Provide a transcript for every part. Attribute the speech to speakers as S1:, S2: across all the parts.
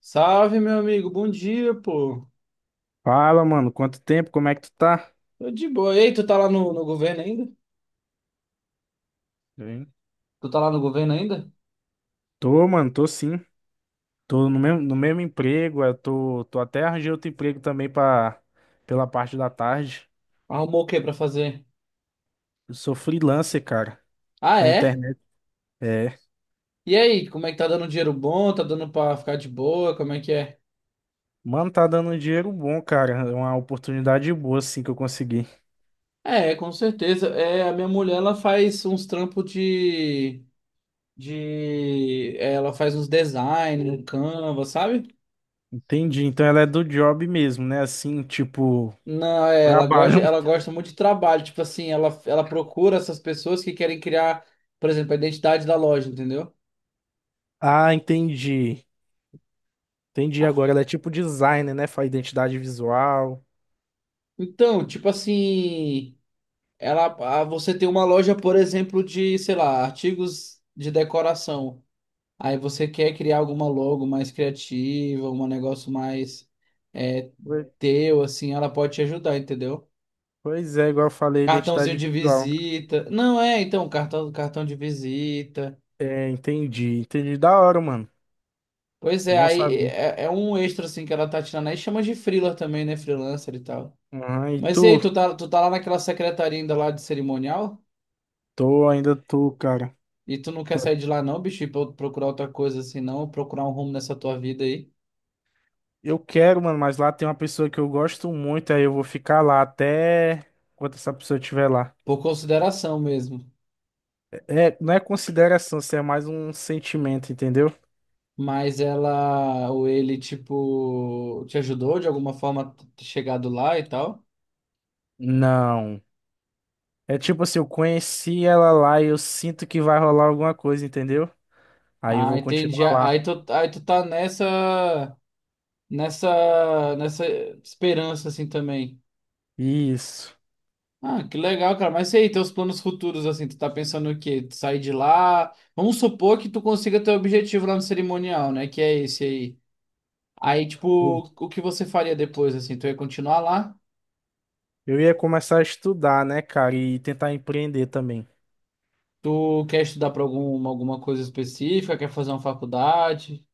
S1: Salve, meu amigo. Bom dia, pô.
S2: Fala, mano, quanto tempo? Como é que tu tá?
S1: Tô de boa. Ei, tu tá lá no governo ainda?
S2: Bem.
S1: Tu tá lá no governo ainda?
S2: Tô, mano, tô sim. Tô no mesmo emprego, eu tô até arranjei outro emprego também pra, pela parte da tarde.
S1: Arrumou o que pra fazer?
S2: Eu sou freelancer, cara,
S1: Ah,
S2: da
S1: é?
S2: internet. É.
S1: E aí, como é que tá dando dinheiro bom? Tá dando pra ficar de boa? Como é que é?
S2: Mano, tá dando um dinheiro bom, cara. É uma oportunidade boa, assim, que eu consegui.
S1: É, com certeza. É, a minha mulher, ela faz uns trampos Ela faz uns design, um Canva, sabe?
S2: Entendi. Então ela é do job mesmo, né? Assim, tipo,
S1: Não, é, ela gosta,
S2: trabalho.
S1: ela gosta muito de trabalho. Tipo assim, ela procura essas pessoas que querem criar, por exemplo, a identidade da loja, entendeu?
S2: Ah, entendi. Entendi
S1: Ah,
S2: agora. Ela é tipo designer, né? Faz identidade visual.
S1: Então, tipo assim, ela, ah, você tem uma loja, por exemplo, de, sei lá, artigos de decoração. Aí você quer criar alguma logo mais criativa, um negócio mais é,
S2: Pois
S1: teu, assim, ela pode te ajudar, entendeu?
S2: pois é, igual eu falei,
S1: Cartãozinho
S2: identidade
S1: de
S2: visual.
S1: visita. Não é, então, cartão de visita.
S2: É, entendi, entendi. Da hora, mano.
S1: Pois é,
S2: Bom
S1: aí
S2: saber.
S1: é, é um extra, assim, que ela tá tirando aí. Chama de freela também, né? Freelancer e tal.
S2: Ah, e
S1: Mas e
S2: tu?
S1: aí, tu tá lá naquela secretaria ainda lá de cerimonial?
S2: Tô, ainda tô, cara.
S1: E tu não quer
S2: Tô-
S1: sair de lá não, bicho, e procurar outra coisa assim, não, procurar um rumo nessa tua vida aí,
S2: Eu quero, mano, mas lá tem uma pessoa que eu gosto muito, aí eu vou ficar lá até quando essa pessoa estiver lá.
S1: por consideração mesmo.
S2: É, não é consideração, isso é mais um sentimento, entendeu?
S1: Mas ela ou ele, tipo, te ajudou de alguma forma a ter chegado lá e tal?
S2: Não. É tipo assim, eu conheci ela lá e eu sinto que vai rolar alguma coisa, entendeu? Aí eu
S1: Ah,
S2: vou
S1: entendi.
S2: continuar lá.
S1: Aí tu tá nessa esperança assim também.
S2: Isso.
S1: Ah, que legal, cara. Mas e aí, teus planos futuros, assim, tu tá pensando o quê? Tu sair de lá? Vamos supor que tu consiga teu objetivo lá no cerimonial, né? Que é esse aí. Aí, tipo, o que você faria depois, assim? Tu ia continuar lá?
S2: Eu ia começar a estudar, né, cara, e tentar empreender também.
S1: Tu quer estudar pra alguma coisa específica? Quer fazer uma faculdade?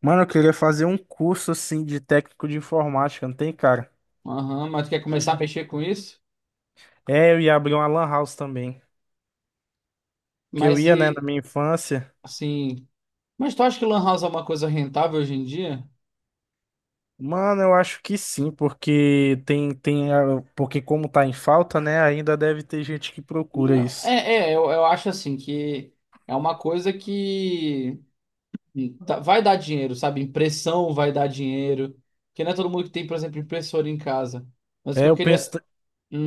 S2: Mano, eu queria fazer um curso assim de técnico de informática, não tem, cara?
S1: Aham, mas tu quer começar a mexer com isso?
S2: É, eu ia abrir uma lan house também. Porque eu
S1: Mas
S2: ia, né, na
S1: e,
S2: minha infância.
S1: assim... Mas tu acha que lan house é uma coisa rentável hoje em dia?
S2: Mano, eu acho que sim, porque porque como tá em falta, né, ainda deve ter gente que procura
S1: Não,
S2: isso.
S1: é, é, eu acho, assim, que é uma coisa que tá- vai dar dinheiro, sabe? Impressão vai dar dinheiro. Porque não é todo mundo que tem, por exemplo, impressora em casa. Mas o que
S2: É,
S1: eu
S2: eu penso,
S1: queria...
S2: t-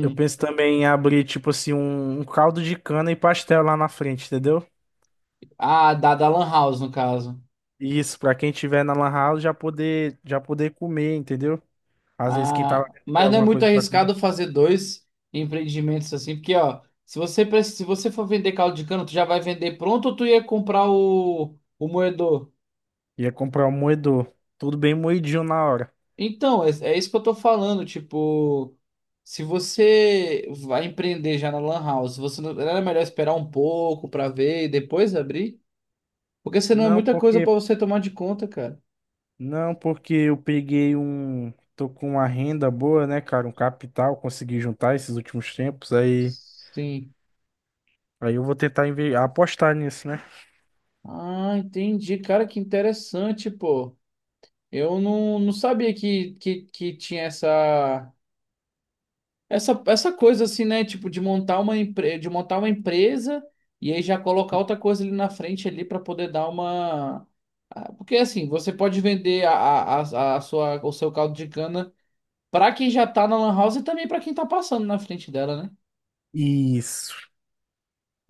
S2: eu penso também em abrir, tipo assim, um caldo de cana e pastel lá na frente, entendeu?
S1: ah, da lan house, no caso.
S2: Isso, pra quem tiver na lan house já poder comer, entendeu? Às vezes quem tá lá
S1: Ah,
S2: dentro quer
S1: mas não é
S2: alguma
S1: muito
S2: coisa pra comer,
S1: arriscado fazer dois empreendimentos assim, porque ó, se você se você for vender caldo de cana, tu já vai vender pronto ou tu ia comprar o moedor?
S2: ia comprar um moedor. Tudo bem moidinho na hora.
S1: Então, é, é isso que eu tô falando, tipo, se você vai empreender já na Lan House, você não era melhor esperar um pouco pra ver e depois abrir? Porque senão é
S2: Não,
S1: muita coisa pra
S2: porque
S1: você tomar de conta, cara.
S2: eu peguei um, tô com uma renda boa, né, cara, um capital, consegui juntar esses últimos tempos, aí
S1: Sim.
S2: aí eu vou tentar apostar nisso, né?
S1: Ah, entendi, cara, que interessante, pô. Eu não, não sabia que tinha essa, essa coisa assim, né? Tipo, de montar uma empre, de montar uma empresa e aí já colocar outra coisa ali na frente ali para poder dar uma. Ah, porque assim, você pode vender a sua, o seu caldo de cana para quem já tá na lan house e também para quem tá passando na frente dela, né?
S2: Isso.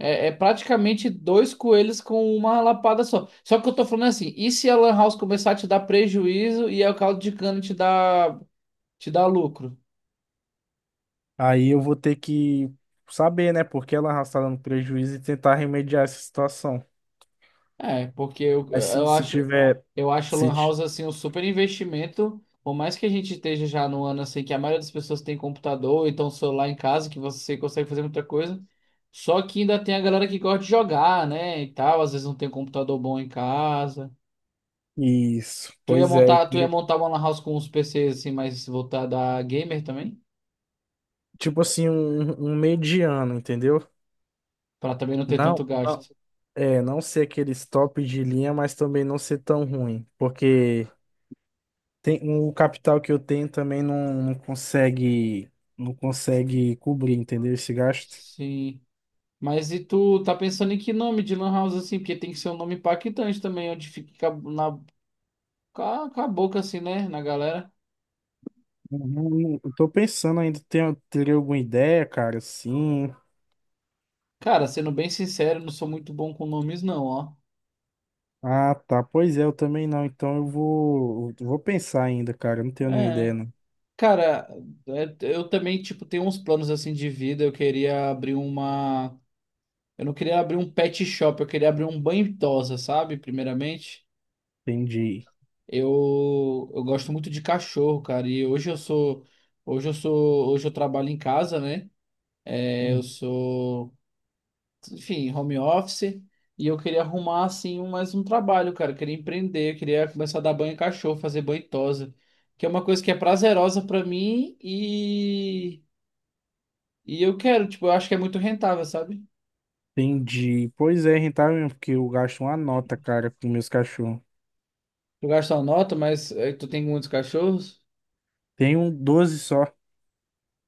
S1: É, é praticamente dois coelhos com uma lapada só. Só que eu tô falando assim, e se a lan house começar a te dar prejuízo e aí o caldo de cana te dá lucro?
S2: Aí eu vou ter que saber, né, porque ela está dando prejuízo e tentar remediar essa situação.
S1: É, porque
S2: Aí se, se tiver
S1: eu acho
S2: se
S1: Lan
S2: ti-
S1: House assim um super investimento. Por mais que a gente esteja já no ano assim que a maioria das pessoas tem computador, então celular em casa, que você consegue fazer muita coisa. Só que ainda tem a galera que gosta de jogar, né, e tal, às vezes não tem um computador bom em casa.
S2: isso, pois é,
S1: Tu ia montar uma Lan House com uns PCs assim mais voltada a gamer também,
S2: tipo assim um mediano, entendeu?
S1: pra também não ter
S2: Não,
S1: tanto
S2: não,
S1: gasto.
S2: é, não ser aquele top de linha, mas também não ser tão ruim, porque tem, o capital que eu tenho também não consegue, não consegue cobrir, entendeu? Esse gasto.
S1: Sim. Mas e tu tá pensando em que nome de Lan House assim? Porque tem que ser um nome impactante também, onde fica na... Com com a boca assim, né, na galera.
S2: Eu tô pensando ainda, tenho, teria alguma ideia, cara? Sim.
S1: Cara, sendo bem sincero, não sou muito bom com nomes, não, ó.
S2: Ah, tá. Pois é, eu também não. Então eu vou pensar ainda, cara. Eu não tenho nenhuma
S1: É.
S2: ideia, não.
S1: Cara, é, eu também, tipo, tenho uns planos assim de vida. Eu queria abrir uma. Eu não queria abrir um pet shop, eu queria abrir um banho tosa, sabe? Primeiramente.
S2: Entendi.
S1: Eu gosto muito de cachorro, cara. E hoje eu sou. Hoje eu sou. Hoje eu trabalho em casa, né? É, eu sou, enfim, home office, e eu queria arrumar assim mais um trabalho, cara, eu queria empreender, eu queria começar a dar banho em cachorro, fazer banho em tosa, que é uma coisa que é prazerosa pra mim e eu quero, tipo, eu acho que é muito rentável, sabe?
S2: Entendi. Pois é, é rentável mesmo, porque eu gasto uma nota, cara, com meus cachorros.
S1: Tu gasta uma nota, mas eh, tu tem muitos cachorros?
S2: Tem um 12 só.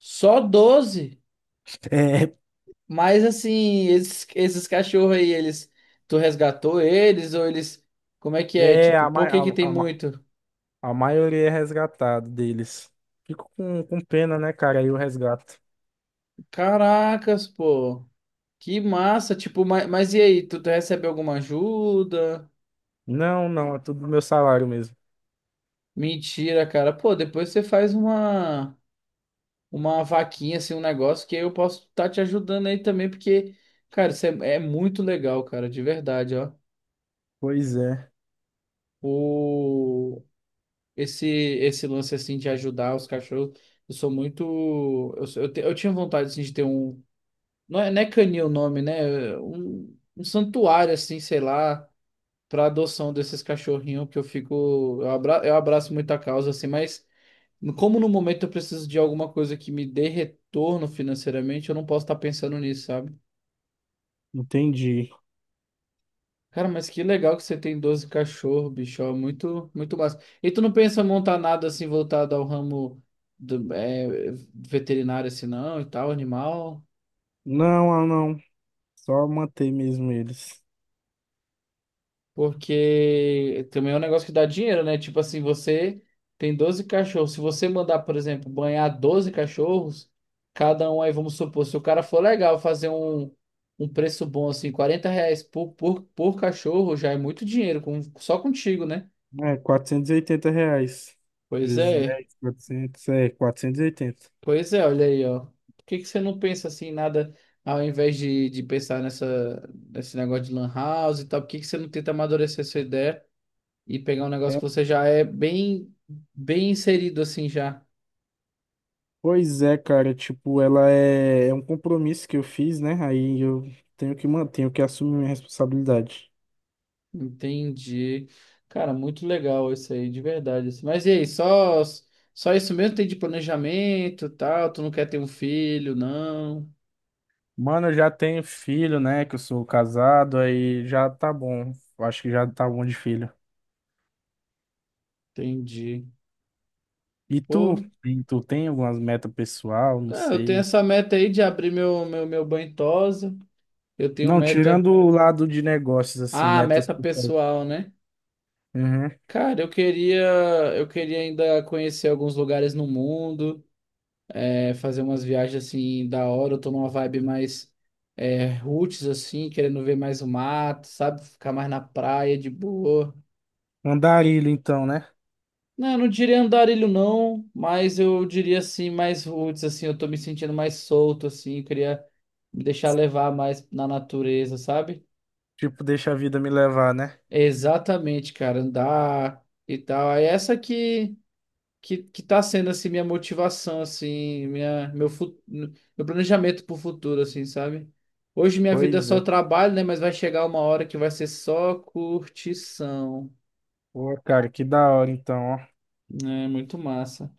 S1: Só doze?
S2: É,
S1: Mas assim, esses cachorros aí, eles... tu resgatou eles ou eles... Como é que é?
S2: é
S1: Tipo,
S2: a, ma-
S1: por que que tem
S2: a, a, ma-
S1: muito?
S2: a maioria é resgatado deles. Fico com pena, né, cara? Aí o resgato.
S1: Caracas, pô. Que massa, tipo, mas e aí, tu recebe alguma ajuda?
S2: Não, não, é tudo do meu salário mesmo.
S1: Mentira, cara. Pô, depois você faz uma vaquinha, assim, um negócio que eu posso estar te ajudando aí também, porque, cara, isso é, é muito legal, cara, de verdade, ó.
S2: Pois é,
S1: O, esse lance, assim, de ajudar os cachorros, eu sou muito... Eu, sou- eu, te- eu tinha vontade, assim, de ter um... Não é, não é canil o nome, né? É um, um santuário, assim, sei lá, para adoção desses cachorrinhos que eu fico. Eu abraço muita causa, assim, mas como no momento eu preciso de alguma coisa que me dê retorno financeiramente, eu não posso estar pensando nisso, sabe?
S2: entendi.
S1: Cara, mas que legal que você tem 12 cachorros, bicho. Ó, muito, muito massa. E tu não pensa em montar nada assim voltado ao ramo é, veterinário, assim, não, e tal, animal?
S2: Não, ah, não. Só manter mesmo eles.
S1: Porque também é um negócio que dá dinheiro, né? Tipo assim, você tem 12 cachorros. Se você mandar, por exemplo, banhar 12 cachorros, cada um aí, vamos supor, se o cara for legal fazer um preço bom, assim, 40 reais por cachorro, já é muito dinheiro, com, só contigo, né?
S2: É, R$ 480.
S1: Pois
S2: Vezes
S1: é,
S2: 10 400 é, 480.
S1: pois é, olha aí, ó. Por que que você não pensa assim, em nada, ao invés de pensar nessa, nesse negócio de lan house e tal, por que que você não tenta amadurecer essa ideia? E pegar um negócio
S2: É,
S1: que você já é bem inserido assim já.
S2: pois é, cara, tipo, ela é, é um compromisso que eu fiz, né? Aí eu tenho que manter, tenho que assumir minha responsabilidade.
S1: Entendi. Cara, muito legal isso aí, de verdade, assim. Mas e aí, só isso mesmo tem de planejamento, e tal? Tu não quer ter um filho, não?
S2: Mano, eu já tenho filho, né? Que eu sou casado, aí já tá bom. Eu acho que já tá bom de filho.
S1: Entendi.
S2: E tu?
S1: Pô,
S2: E tu tem algumas metas pessoal? Não
S1: é, eu tenho
S2: sei.
S1: essa meta aí de abrir meu banho tosa. Eu tenho
S2: Não,
S1: meta.
S2: tirando o lado de negócios, assim,
S1: Ah,
S2: metas
S1: meta
S2: pessoais.
S1: pessoal, né?
S2: Uhum.
S1: Cara, eu queria ainda conhecer alguns lugares no mundo. É, fazer umas viagens assim da hora. Eu tô numa vibe mais é, roots, assim, querendo ver mais o mato, sabe? Ficar mais na praia de boa.
S2: Andarilho, então, né?
S1: Não, eu não diria andarilho, não, mas eu diria assim, mais roots, assim, eu tô me sentindo mais solto, assim, eu queria me deixar levar mais na natureza, sabe?
S2: Tipo, deixa a vida me levar, né?
S1: Exatamente, cara, andar e tal. Aí essa que... que tá sendo assim minha motivação assim, minha meu planejamento pro futuro assim, sabe? Hoje minha vida é
S2: Pois
S1: só
S2: é.
S1: trabalho, né, mas vai chegar uma hora que vai ser só curtição.
S2: Pô, cara, que da hora, então, ó.
S1: É muito massa.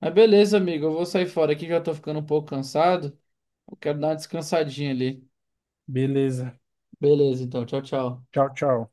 S1: Mas beleza, amigo, eu vou sair fora aqui, já tô ficando um pouco cansado. Eu quero dar uma descansadinha ali.
S2: Beleza.
S1: Beleza, então, tchau, tchau.
S2: Tchau, tchau.